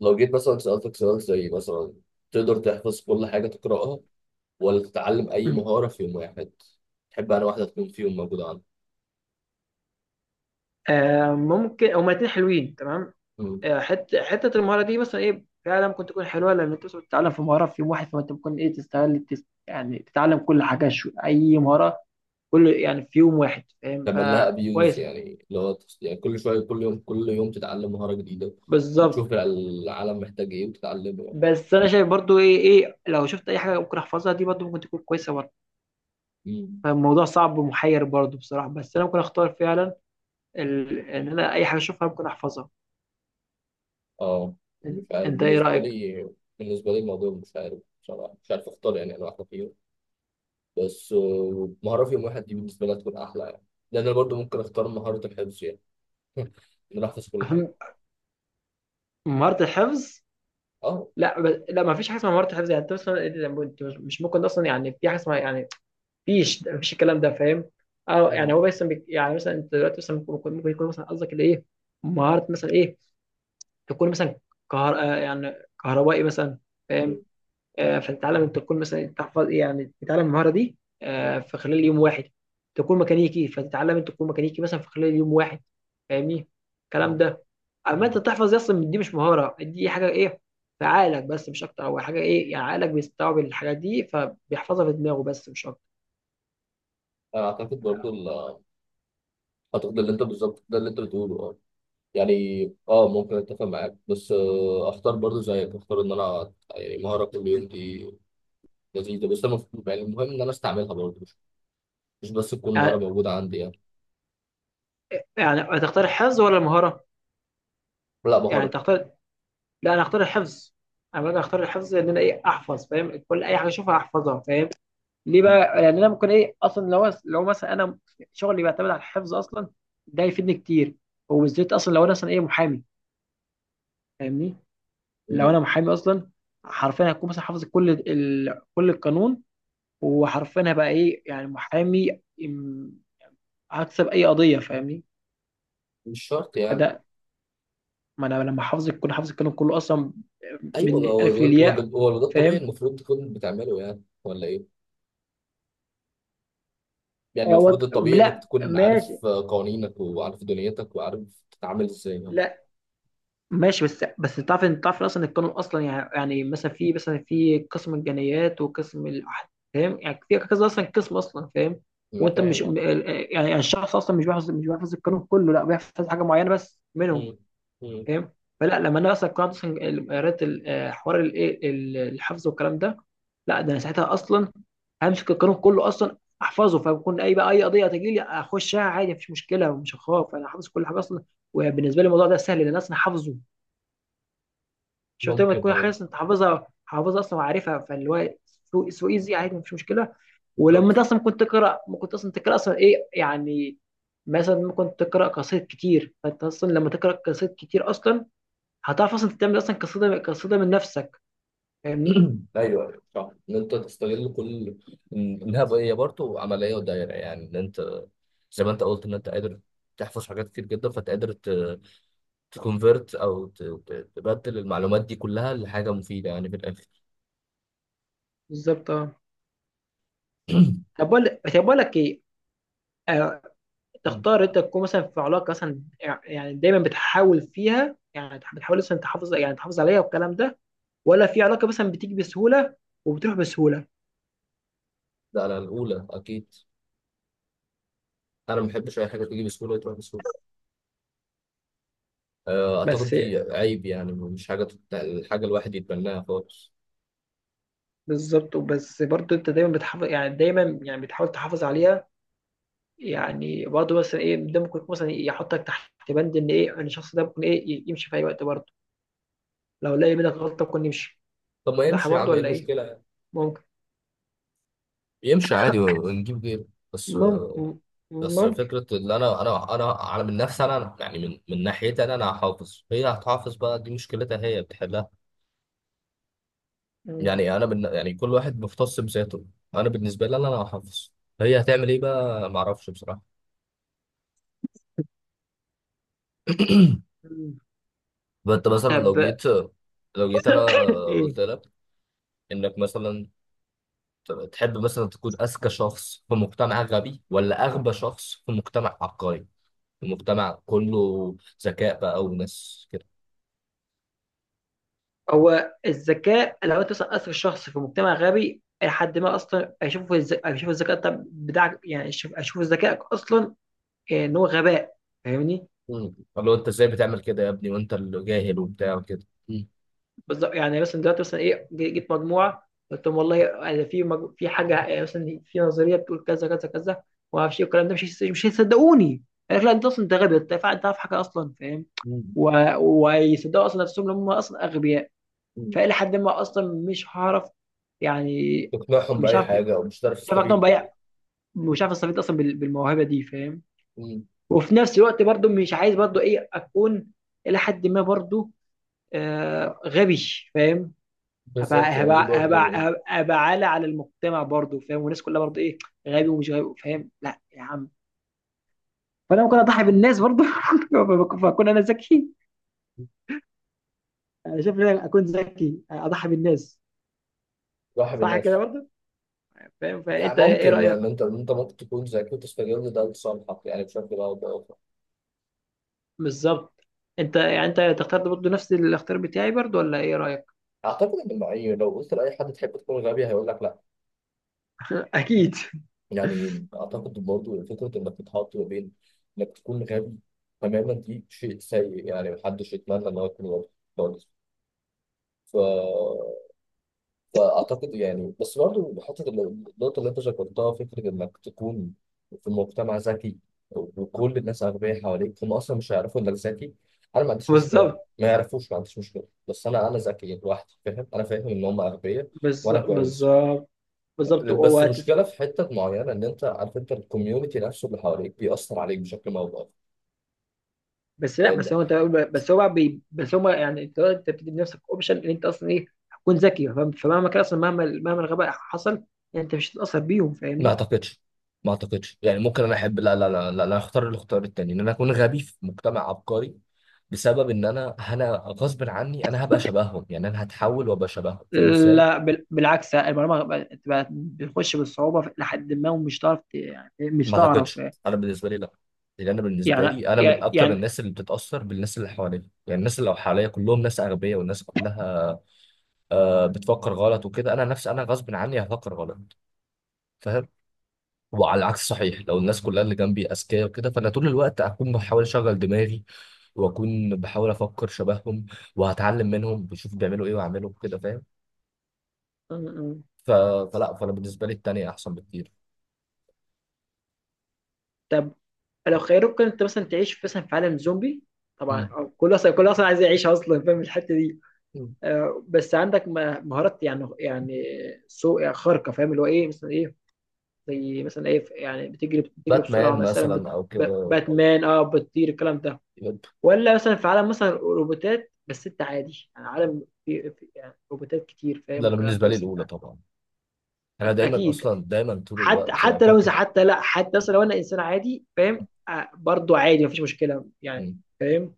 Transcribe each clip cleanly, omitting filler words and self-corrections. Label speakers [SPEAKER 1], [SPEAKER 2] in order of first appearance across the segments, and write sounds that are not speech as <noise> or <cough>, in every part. [SPEAKER 1] لو جيت مثلا سألتك سؤال زي مثلا: تقدر تحفظ كل حاجة تقرأها، ولا تتعلم أي مهارة في يوم واحد؟ تحب أنا واحدة تكون في يوم موجودة عندك؟
[SPEAKER 2] آه ممكن هما الاتنين حلوين تمام.
[SPEAKER 1] مم.
[SPEAKER 2] حته المهاره دي مثلا ايه فعلا ممكن تكون حلوه لان انت مثلا بتتعلم في مهاره في يوم واحد، فانت ممكن ايه تستغل يعني تتعلم كل اي مهاره كل يعني في يوم واحد، فاهم؟
[SPEAKER 1] تعمل لها أبيوز،
[SPEAKER 2] فكويسه.
[SPEAKER 1] يعني لو يعني كل شوية كل يوم كل يوم تتعلم مهارة جديدة،
[SPEAKER 2] بالظبط.
[SPEAKER 1] وتشوف العالم محتاج إيه وتتعلمه يعني.
[SPEAKER 2] بس انا شايف برضو ايه ايه لو شفت اي حاجه ممكن احفظها دي برضو ممكن تكون كويسه برضو.
[SPEAKER 1] مم.
[SPEAKER 2] فالموضوع صعب ومحير برضو بصراحه، بس انا ممكن اختار فعلا ان انا اي حاجه اشوفها ممكن احفظها.
[SPEAKER 1] أه،
[SPEAKER 2] إن-
[SPEAKER 1] مش عارف
[SPEAKER 2] انت ايه
[SPEAKER 1] بالنسبة
[SPEAKER 2] رايك؟
[SPEAKER 1] لي. بالنسبة لي الموضوع مش عارف بصراحة، مش عارف أختار يعني أنا واحدة فيهم. بس مهارة في يوم واحد دي بالنسبة لي هتكون أحلى يعني. لأن أنا برضه ممكن أختار مهارة الحفظ يعني. <laughs> إن أنا أحفظ كل حاجة.
[SPEAKER 2] <laughs> مهاره الحفظ؟
[SPEAKER 1] اه.
[SPEAKER 2] لا، ما فيش حاجه اسمها مهارة حفظ يعني، انت اصلا انت مش ممكن اصلا يعني في حاجه اسمها يعني مفيش الكلام ده، فاهم؟ اه يعني
[SPEAKER 1] مم.
[SPEAKER 2] يعني مثلا انت دلوقتي مثلا ممكن يكون مثلا قصدك اللي ايه مهارة مثلا ايه، تكون مثلا كهر... آه يعني كهربائي مثلا،
[SPEAKER 1] مم.
[SPEAKER 2] فاهم؟ فتتعلم انت تكون مثلا تحفظ يعني تتعلم المهاره دي
[SPEAKER 1] مم.
[SPEAKER 2] في خلال يوم واحد. تكون ميكانيكي، فتتعلم انت تكون ميكانيكي مثلا في خلال يوم واحد، فاهمني الكلام
[SPEAKER 1] مم.
[SPEAKER 2] ده؟ اما انت
[SPEAKER 1] مم.
[SPEAKER 2] تحفظ دي اصلا، دي مش مهاره، دي حاجه ايه في عقلك بس مش اكتر، او حاجه ايه يعني عقلك بيستوعب الحاجات دي فبيحفظها في دماغه بس مش اكتر.
[SPEAKER 1] انا اعتقد برضو، اعتقد اللي انت بالظبط، ده اللي انت بتقوله، اه. يعني اه، ممكن اتفق معاك، بس اختار برضو زيك، اختار ان انا يعني مهاره كل يوم دي لذيذه، بس انا يعني المهم ان انا استعملها برضو، مش بس تكون مهاره
[SPEAKER 2] يعني
[SPEAKER 1] موجوده عندي يعني.
[SPEAKER 2] هتختار الحفظ ولا المهاره؟
[SPEAKER 1] لا،
[SPEAKER 2] يعني
[SPEAKER 1] مهاره.
[SPEAKER 2] تختار؟ لا، انا اختار الحفظ. انا باجي اختار الحفظ ان انا ايه احفظ، فاهم؟ كل اي حاجه اشوفها احفظها، فاهم؟ ليه
[SPEAKER 1] مم.
[SPEAKER 2] بقى؟ يعني انا ممكن ايه اصلا لو مثلا انا شغلي بيعتمد على الحفظ اصلا، ده يفيدني كتير. وبالذات اصلا لو انا مثلا ايه محامي، فاهمني؟ لو
[SPEAKER 1] مم.
[SPEAKER 2] انا محامي اصلا حرفيا هكون مثلا حافظ كل القانون، وحرفيا هبقى ايه يعني هكسب اي قضيه، فاهمني؟
[SPEAKER 1] مش شرط يعني.
[SPEAKER 2] فده، ما انا لما كل حافظ القانون كله اصلا
[SPEAKER 1] ايوه،
[SPEAKER 2] من
[SPEAKER 1] هو
[SPEAKER 2] الالف
[SPEAKER 1] هو ده،
[SPEAKER 2] للياء،
[SPEAKER 1] هو ده الطبيعي
[SPEAKER 2] فاهم؟
[SPEAKER 1] المفروض تكون بتعمله، يعني ولا ايه؟ يعني
[SPEAKER 2] آه،
[SPEAKER 1] المفروض
[SPEAKER 2] وط...
[SPEAKER 1] الطبيعي انك
[SPEAKER 2] لا
[SPEAKER 1] تكون
[SPEAKER 2] ماشي.
[SPEAKER 1] عارف قوانينك، وعارف دنيتك، وعارف تتعامل ازاي يعني.
[SPEAKER 2] لا ماشي، بس تعرف، انت تعرف إن اصلا القانون اصلا يعني يعني مثلا في قسم الجنايات وقسم الاحداث، فاهم؟ يعني في كذا اصلا قسم اصلا، فاهم؟
[SPEAKER 1] انا
[SPEAKER 2] وانت
[SPEAKER 1] فاهم،
[SPEAKER 2] مش
[SPEAKER 1] اه.
[SPEAKER 2] م- ال- يعني يعني الشخص اصلا مش بيحفظ، القانون كله، لا بيحفظ حاجه معينه بس منهم،
[SPEAKER 1] مم. مم.
[SPEAKER 2] فاهم؟ فلا، لما انا اصلا قرات اصلا قريت حوار الايه الحفظ والكلام ده، لا ده انا ساعتها اصلا همسك القانون كله اصلا احفظه، فبكون اي بقى اي قضيه تجي لي اخشها عادي، مفيش مشكله. ومش هخاف، انا حافظ كل حاجه اصلا. وبالنسبه لي الموضوع ده سهل لان انا اصلا حافظه. شفت؟ لما
[SPEAKER 1] ممكن،
[SPEAKER 2] تكون
[SPEAKER 1] اه.
[SPEAKER 2] حاسس انت حافظها، حافظها اصلا وعارفها، فاللي هو سو ايزي، عادي مفيش مشكله. ولما انت
[SPEAKER 1] بالظبط.
[SPEAKER 2] اصلا كنت تقرا، ممكن اصلا تقرا اصلا ايه يعني مثلا ممكن تقرا قصائد كتير، فانت اصلا لما تقرا قصائد كتير اصلا هتعرف اصلا تعمل اصلا قصيده قصيده من نفسك، فاهمني؟
[SPEAKER 1] ايوه، ايوه، صح، ان انت تستغل كل هي برضه عمليه ودايره، يعني ان انت زي ما انت قلت ان انت قادر تحفظ حاجات كتير جدا، فانت قادر تكونفرت، او تبدل المعلومات دي كلها لحاجه مفيده، يعني في الاخر.
[SPEAKER 2] بالظبط اه.
[SPEAKER 1] <clears throat>
[SPEAKER 2] طب بقول، طب بقول لك ايه، آه،
[SPEAKER 1] مم.
[SPEAKER 2] تختار انت تكون مثلا في علاقه مثلا يعني دايما بتحاول فيها، يعني بتحاول مثلا تحافظ يعني تحافظ عليها والكلام ده، ولا في علاقه مثلا بتيجي بسهوله وبتروح بسهوله؟
[SPEAKER 1] ده على الاولى اكيد. انا ما بحبش اي حاجه تيجي بسهوله وتروح بسهوله. آه، اعتقد
[SPEAKER 2] بس
[SPEAKER 1] دي عيب، يعني مش حاجه الحاجه الواحد يتبناها خالص.
[SPEAKER 2] بالظبط. وبس برضه انت دايما بتحافظ يعني دايما يعني بتحاول تحافظ عليها. يعني برضه مثلا ايه ده ممكن يكون مثلا يحطك تحت بند ان ايه ان الشخص ده ممكن ايه يمشي في اي وقت برضه، لو لقى منك غلطه ممكن يمشي.
[SPEAKER 1] طب ما
[SPEAKER 2] صح
[SPEAKER 1] يمشي يا
[SPEAKER 2] برضه
[SPEAKER 1] عم، ايه
[SPEAKER 2] ولا ايه؟
[SPEAKER 1] المشكله؟
[SPEAKER 2] ممكن،
[SPEAKER 1] يمشي عادي ونجيب غيره. بس.
[SPEAKER 2] ممكن،
[SPEAKER 1] بس
[SPEAKER 2] ممكن.
[SPEAKER 1] فكرة إن أنا من نفسي، أنا يعني، من ناحيتي، أنا هحافظ، هي هتحافظ بقى، دي مشكلتها هي بتحلها.
[SPEAKER 2] مم.
[SPEAKER 1] يعني أنا من، يعني كل واحد مختص بذاته. أنا بالنسبة لي، أنا هحافظ. هي هتعمل إيه بقى؟ معرفش بصراحة. <clears throat>
[SPEAKER 2] مم.
[SPEAKER 1] فأنت مثلا
[SPEAKER 2] طب.
[SPEAKER 1] لو جيت أنا
[SPEAKER 2] <laughs> ايه؟
[SPEAKER 1] قلت لك إنك مثلا تحب مثلا تكون أذكى شخص في مجتمع غبي، ولا أغبى شخص في مجتمع عبقري؟ في مجتمع كله ذكاء بقى وناس كده.
[SPEAKER 2] هو الذكاء لو انت مثلا اثر الشخص في مجتمع غبي، أي حد ما اصلا اشوفه اشوف الذكاء طب بتاعك، يعني اشوف ذكائك اصلا ان هو غباء، فاهمني؟
[SPEAKER 1] مم. قال له انت ازاي بتعمل كده يا ابني، وانت اللي جاهل وبتاع وكده. مم.
[SPEAKER 2] بالظبط. يعني مثلا دلوقتي مثلا ايه جيت مجموعه قلت لهم والله يعني في حاجه يعني مثلا في نظريه بتقول كذا كذا كذا وما اعرفش ايه والكلام ده، مش هيصدقوني. قال لك لا، انت اصلا انت غبي، انت عارف حاجه اصلا، فاهم؟
[SPEAKER 1] مم.
[SPEAKER 2] و... ويصدقوا اصلا نفسهم ان هم اصلا اغبياء.
[SPEAKER 1] مم.
[SPEAKER 2] فالى حد ما اصلا مش هعرف يعني،
[SPEAKER 1] تقنعهم
[SPEAKER 2] مش
[SPEAKER 1] بأي
[SPEAKER 2] عارف،
[SPEAKER 1] حاجة، أو
[SPEAKER 2] مش
[SPEAKER 1] مش هتعرف
[SPEAKER 2] عارف اقنعهم
[SPEAKER 1] تستفيد
[SPEAKER 2] باي،
[SPEAKER 1] بال.
[SPEAKER 2] مش عارف استفيد اصلا بالموهبه دي، فاهم؟
[SPEAKER 1] مم.
[SPEAKER 2] وفي نفس الوقت برضو مش عايز برضو ايه اكون الى حد ما برضو آه غبي، فاهم؟ هبقى
[SPEAKER 1] بالظبط، يعني دي برضو.
[SPEAKER 2] عالة على المجتمع برضه، فاهم؟ والناس كلها برضه ايه غبي ومش غبي، فاهم؟ لا يا عم. فانا ممكن اضحي بالناس برضه <laughs> فاكون انا ذكي. انا شايف ان انا اكون ذكي اضحي بالناس،
[SPEAKER 1] صاحب
[SPEAKER 2] صح كده
[SPEAKER 1] الناس.
[SPEAKER 2] برضه فاهم؟
[SPEAKER 1] يعني
[SPEAKER 2] فانت ايه
[SPEAKER 1] ممكن
[SPEAKER 2] رايك؟
[SPEAKER 1] ان انت ممكن تكون ذكي، وتستغل ده لصالحك يعني، بشكل او باخر.
[SPEAKER 2] بالظبط. انت يعني انت تختار برضه نفس الاختيار بتاعي برضه ولا ايه رايك؟
[SPEAKER 1] اعتقد ان معي، لو قلت لاي حد تحب تكون غبي هيقول لك لا.
[SPEAKER 2] اكيد <laughs>
[SPEAKER 1] يعني اعتقد برضو، فكره انك تتحط ما بين انك تكون غبي تماما دي شيء سيء، يعني محدش يتمنى ان هو يكون غبي خالص. ف فاعتقد يعني، بس برضه النقطه اللي انت ذكرتها، فكره انك تكون في مجتمع ذكي وكل الناس اغبياء حواليك، هم اصلا مش هيعرفوا انك ذكي. انا ما عنديش مشكله،
[SPEAKER 2] بالظبط.
[SPEAKER 1] ما يعرفوش، ما عنديش مشكله، بس انا ذكي لوحدي، فاهم، انا فاهم ان هم اغبياء. وانا كويس.
[SPEAKER 2] بالظبط. بالظبط.
[SPEAKER 1] بس المشكله في حته معينه، ان انت عارف، انت الكوميونتي نفسه اللي حواليك بيأثر عليك بشكل ما او بآخر،
[SPEAKER 2] بس لا بس
[SPEAKER 1] لان
[SPEAKER 2] هو انت بس هو بقى بي بس هم يعني انت بتدي لنفسك اوبشن ان انت اصلا ايه هتكون ذكي، فاهم؟ فمهما كان اصلا، مهما الغباء حصل يعني، انت مش هتتاثر بيهم،
[SPEAKER 1] ما
[SPEAKER 2] فاهمني؟
[SPEAKER 1] اعتقدش ما اعتقدش يعني، ممكن انا احب، لا، لا، لا، لا، انا اختار الاختيار التاني ان انا اكون غبي في مجتمع عبقري، بسبب ان انا غصب عني، انا هبقى شبههم، يعني انا هتحول وابقى شبههم، فاهم ازاي؟
[SPEAKER 2] لا بال- بالعكس، المعلومه بقى- بقى بتخش بالصعوبه لحد ما، ومش تعرف يعني مش
[SPEAKER 1] ما
[SPEAKER 2] تعرف
[SPEAKER 1] اعتقدش،
[SPEAKER 2] يعني.
[SPEAKER 1] انا بالنسبه لي، لا. لان انا بالنسبه لي، انا من
[SPEAKER 2] يعني
[SPEAKER 1] اكتر الناس اللي بتتاثر بالناس اللي حواليا، يعني الناس اللي حواليا كلهم ناس اغبياء، والناس كلها بتفكر غلط وكده، انا نفسي انا غصب عني هفكر غلط. فاهم؟ وعلى العكس صحيح، لو الناس كلها اللي جنبي اذكياء وكده، فانا طول الوقت اكون بحاول اشغل دماغي، واكون بحاول افكر شبههم، وهتعلم منهم بشوف بيعملوا ايه واعمله كده، فاهم؟
[SPEAKER 2] م- م.
[SPEAKER 1] ف... فلا، فانا بالنسبه لي التانية احسن بكتير.
[SPEAKER 2] طب، لو خيروك انت مثلا تعيش مثلا في عالم زومبي، طبعا
[SPEAKER 1] مم.
[SPEAKER 2] أو كل اصلا كل اصلا عايز يعيش اصلا فاهم الحته دي،
[SPEAKER 1] مم.
[SPEAKER 2] بس عندك مهارات يعني سوء خارقه، فاهم؟ اللي هو ايه مثلا ايه زي مثلا ايه يعني بتجري، بسرعه
[SPEAKER 1] باتمان
[SPEAKER 2] مثلا،
[SPEAKER 1] مثلا او كده، او
[SPEAKER 2] باتمان اه بتطير الكلام ده،
[SPEAKER 1] لا،
[SPEAKER 2] ولا مثلا في عالم مثلا روبوتات، بس انت عادي يعني عالم في يعني روبوتات كتير، فاهم؟
[SPEAKER 1] انا
[SPEAKER 2] والكلام
[SPEAKER 1] بالنسبه
[SPEAKER 2] ده
[SPEAKER 1] لي
[SPEAKER 2] بس انت
[SPEAKER 1] الاولى طبعا. انا دايما
[SPEAKER 2] اكيد.
[SPEAKER 1] اصلا، دايما طول
[SPEAKER 2] حتى
[SPEAKER 1] الوقت يعني
[SPEAKER 2] حتى لو إذا
[SPEAKER 1] فاكر.
[SPEAKER 2] حتى لا حتى اصلا لو انا انسان عادي، فاهم؟ برضو عادي مفيش مشكله يعني،
[SPEAKER 1] مم.
[SPEAKER 2] فاهم؟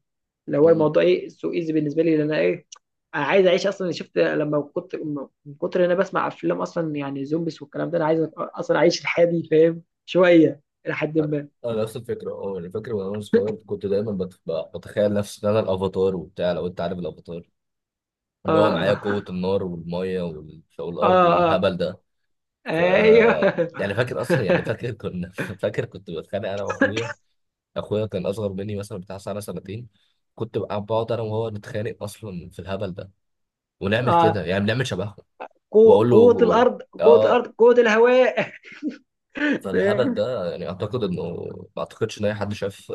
[SPEAKER 2] لو هو
[SPEAKER 1] مم.
[SPEAKER 2] الموضوع ايه سو ايزي بالنسبه لي، لان انا ايه انا عايز اعيش اصلا. شفت؟ لما كنت من كتر ان انا بسمع افلام اصلا يعني زومبيس والكلام ده، انا عايز اصلا اعيش الحياه دي فاهم شويه الى حد ما.
[SPEAKER 1] انا نفس الفكره، اه، انا فاكر وانا صغير كنت دايما بتخيل نفسي ان انا الافاتار وبتاع، لو انت عارف الافاتار، اللي هو معايا
[SPEAKER 2] اه،
[SPEAKER 1] قوة النار والمية والفوق
[SPEAKER 2] اه
[SPEAKER 1] الأرض
[SPEAKER 2] اه, آه.
[SPEAKER 1] والهبل ده. ف
[SPEAKER 2] ايوه.
[SPEAKER 1] يعني فاكر أصلا، يعني
[SPEAKER 2] <laughs>
[SPEAKER 1] فاكر كنا <laughs> فاكر كنت بتخانق أنا وأخويا. أخويا كان أصغر مني مثلا بتاع سنة سنتين. كنت بقى بقعد أنا وهو نتخانق أصلا في الهبل ده، ونعمل كده،
[SPEAKER 2] آه.
[SPEAKER 1] يعني بنعمل شبههم.
[SPEAKER 2] قوة،
[SPEAKER 1] وأقول له
[SPEAKER 2] الأرض،
[SPEAKER 1] آه.
[SPEAKER 2] الأرض، قوة الهواء. <laughs>
[SPEAKER 1] فالهبل
[SPEAKER 2] فاهم.
[SPEAKER 1] ده، يعني أعتقد إنه، ما أعتقدش إن أي حد شاف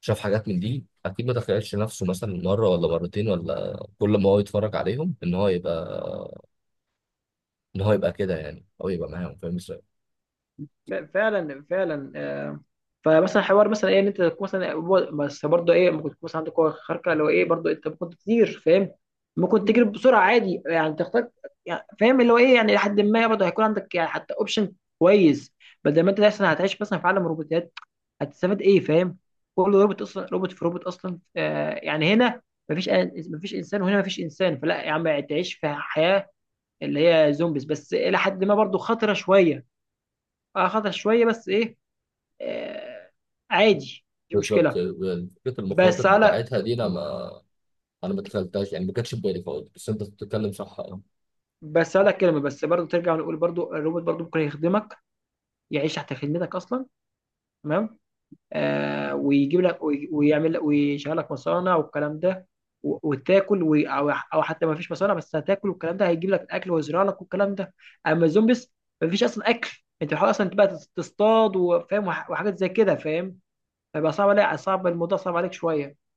[SPEAKER 1] شاف حاجات من دي أكيد ما تخيلش نفسه مثلا مرة ولا مرتين، ولا كل ما هو يتفرج عليهم إن هو يبقى كده يعني، أو يبقى معاهم، فاهم إزاي؟
[SPEAKER 2] فعلا، فعلا. آه، فمثلا حوار مثلا ايه ان انت تكون مثلا بس برضه ايه ممكن تكون مثلا عندك قوه خارقه لو ايه، برضه انت ممكن تطير فاهم، ممكن تجري بسرعه، عادي يعني تختار يعني، فاهم؟ اللي هو ايه يعني لحد ما برضه هيكون عندك يعني حتى اوبشن كويس. بدل ما انت مثلا هتعيش مثلا في عالم روبوتات هتستفاد ايه، فاهم؟ كل روبوت اصلا، روبوت في روبوت اصلا، آه يعني هنا مفيش انسان، وهنا مفيش انسان. فلا يا عم، تعيش في حياه اللي هي زومبيز، بس الى حد ما برضه خطره شويه. اه، خطر شويه بس ايه، آه، عادي، مش
[SPEAKER 1] بالظبط،
[SPEAKER 2] مشكله.
[SPEAKER 1] فكرة المخاطر
[SPEAKER 2] بس على
[SPEAKER 1] بتاعتها دي، أنا ما دخلتهاش، يعني ما كانتش في بالي خالص، بس أنت بتتكلم صح.
[SPEAKER 2] بس على كلمه، بس برضو ترجع نقول برضو الروبوت برضو ممكن يخدمك، يعيش تحت خدمتك اصلا، تمام؟ آه، ويجيب لك ويعمل لك ويشغل لك مصانع والكلام ده، وتاكل او حتى ما فيش مصانع، بس هتاكل والكلام ده هيجيب لك الاكل ويزرع لك والكلام ده. اما الزومبيس ما فيش اصلا اكل، انت بتحاول اصلا تبقى تصطاد وفاهم وحاجات زي كده، فاهم؟ فبقى صعب عليك، صعب الموضوع، صعب عليك شويه.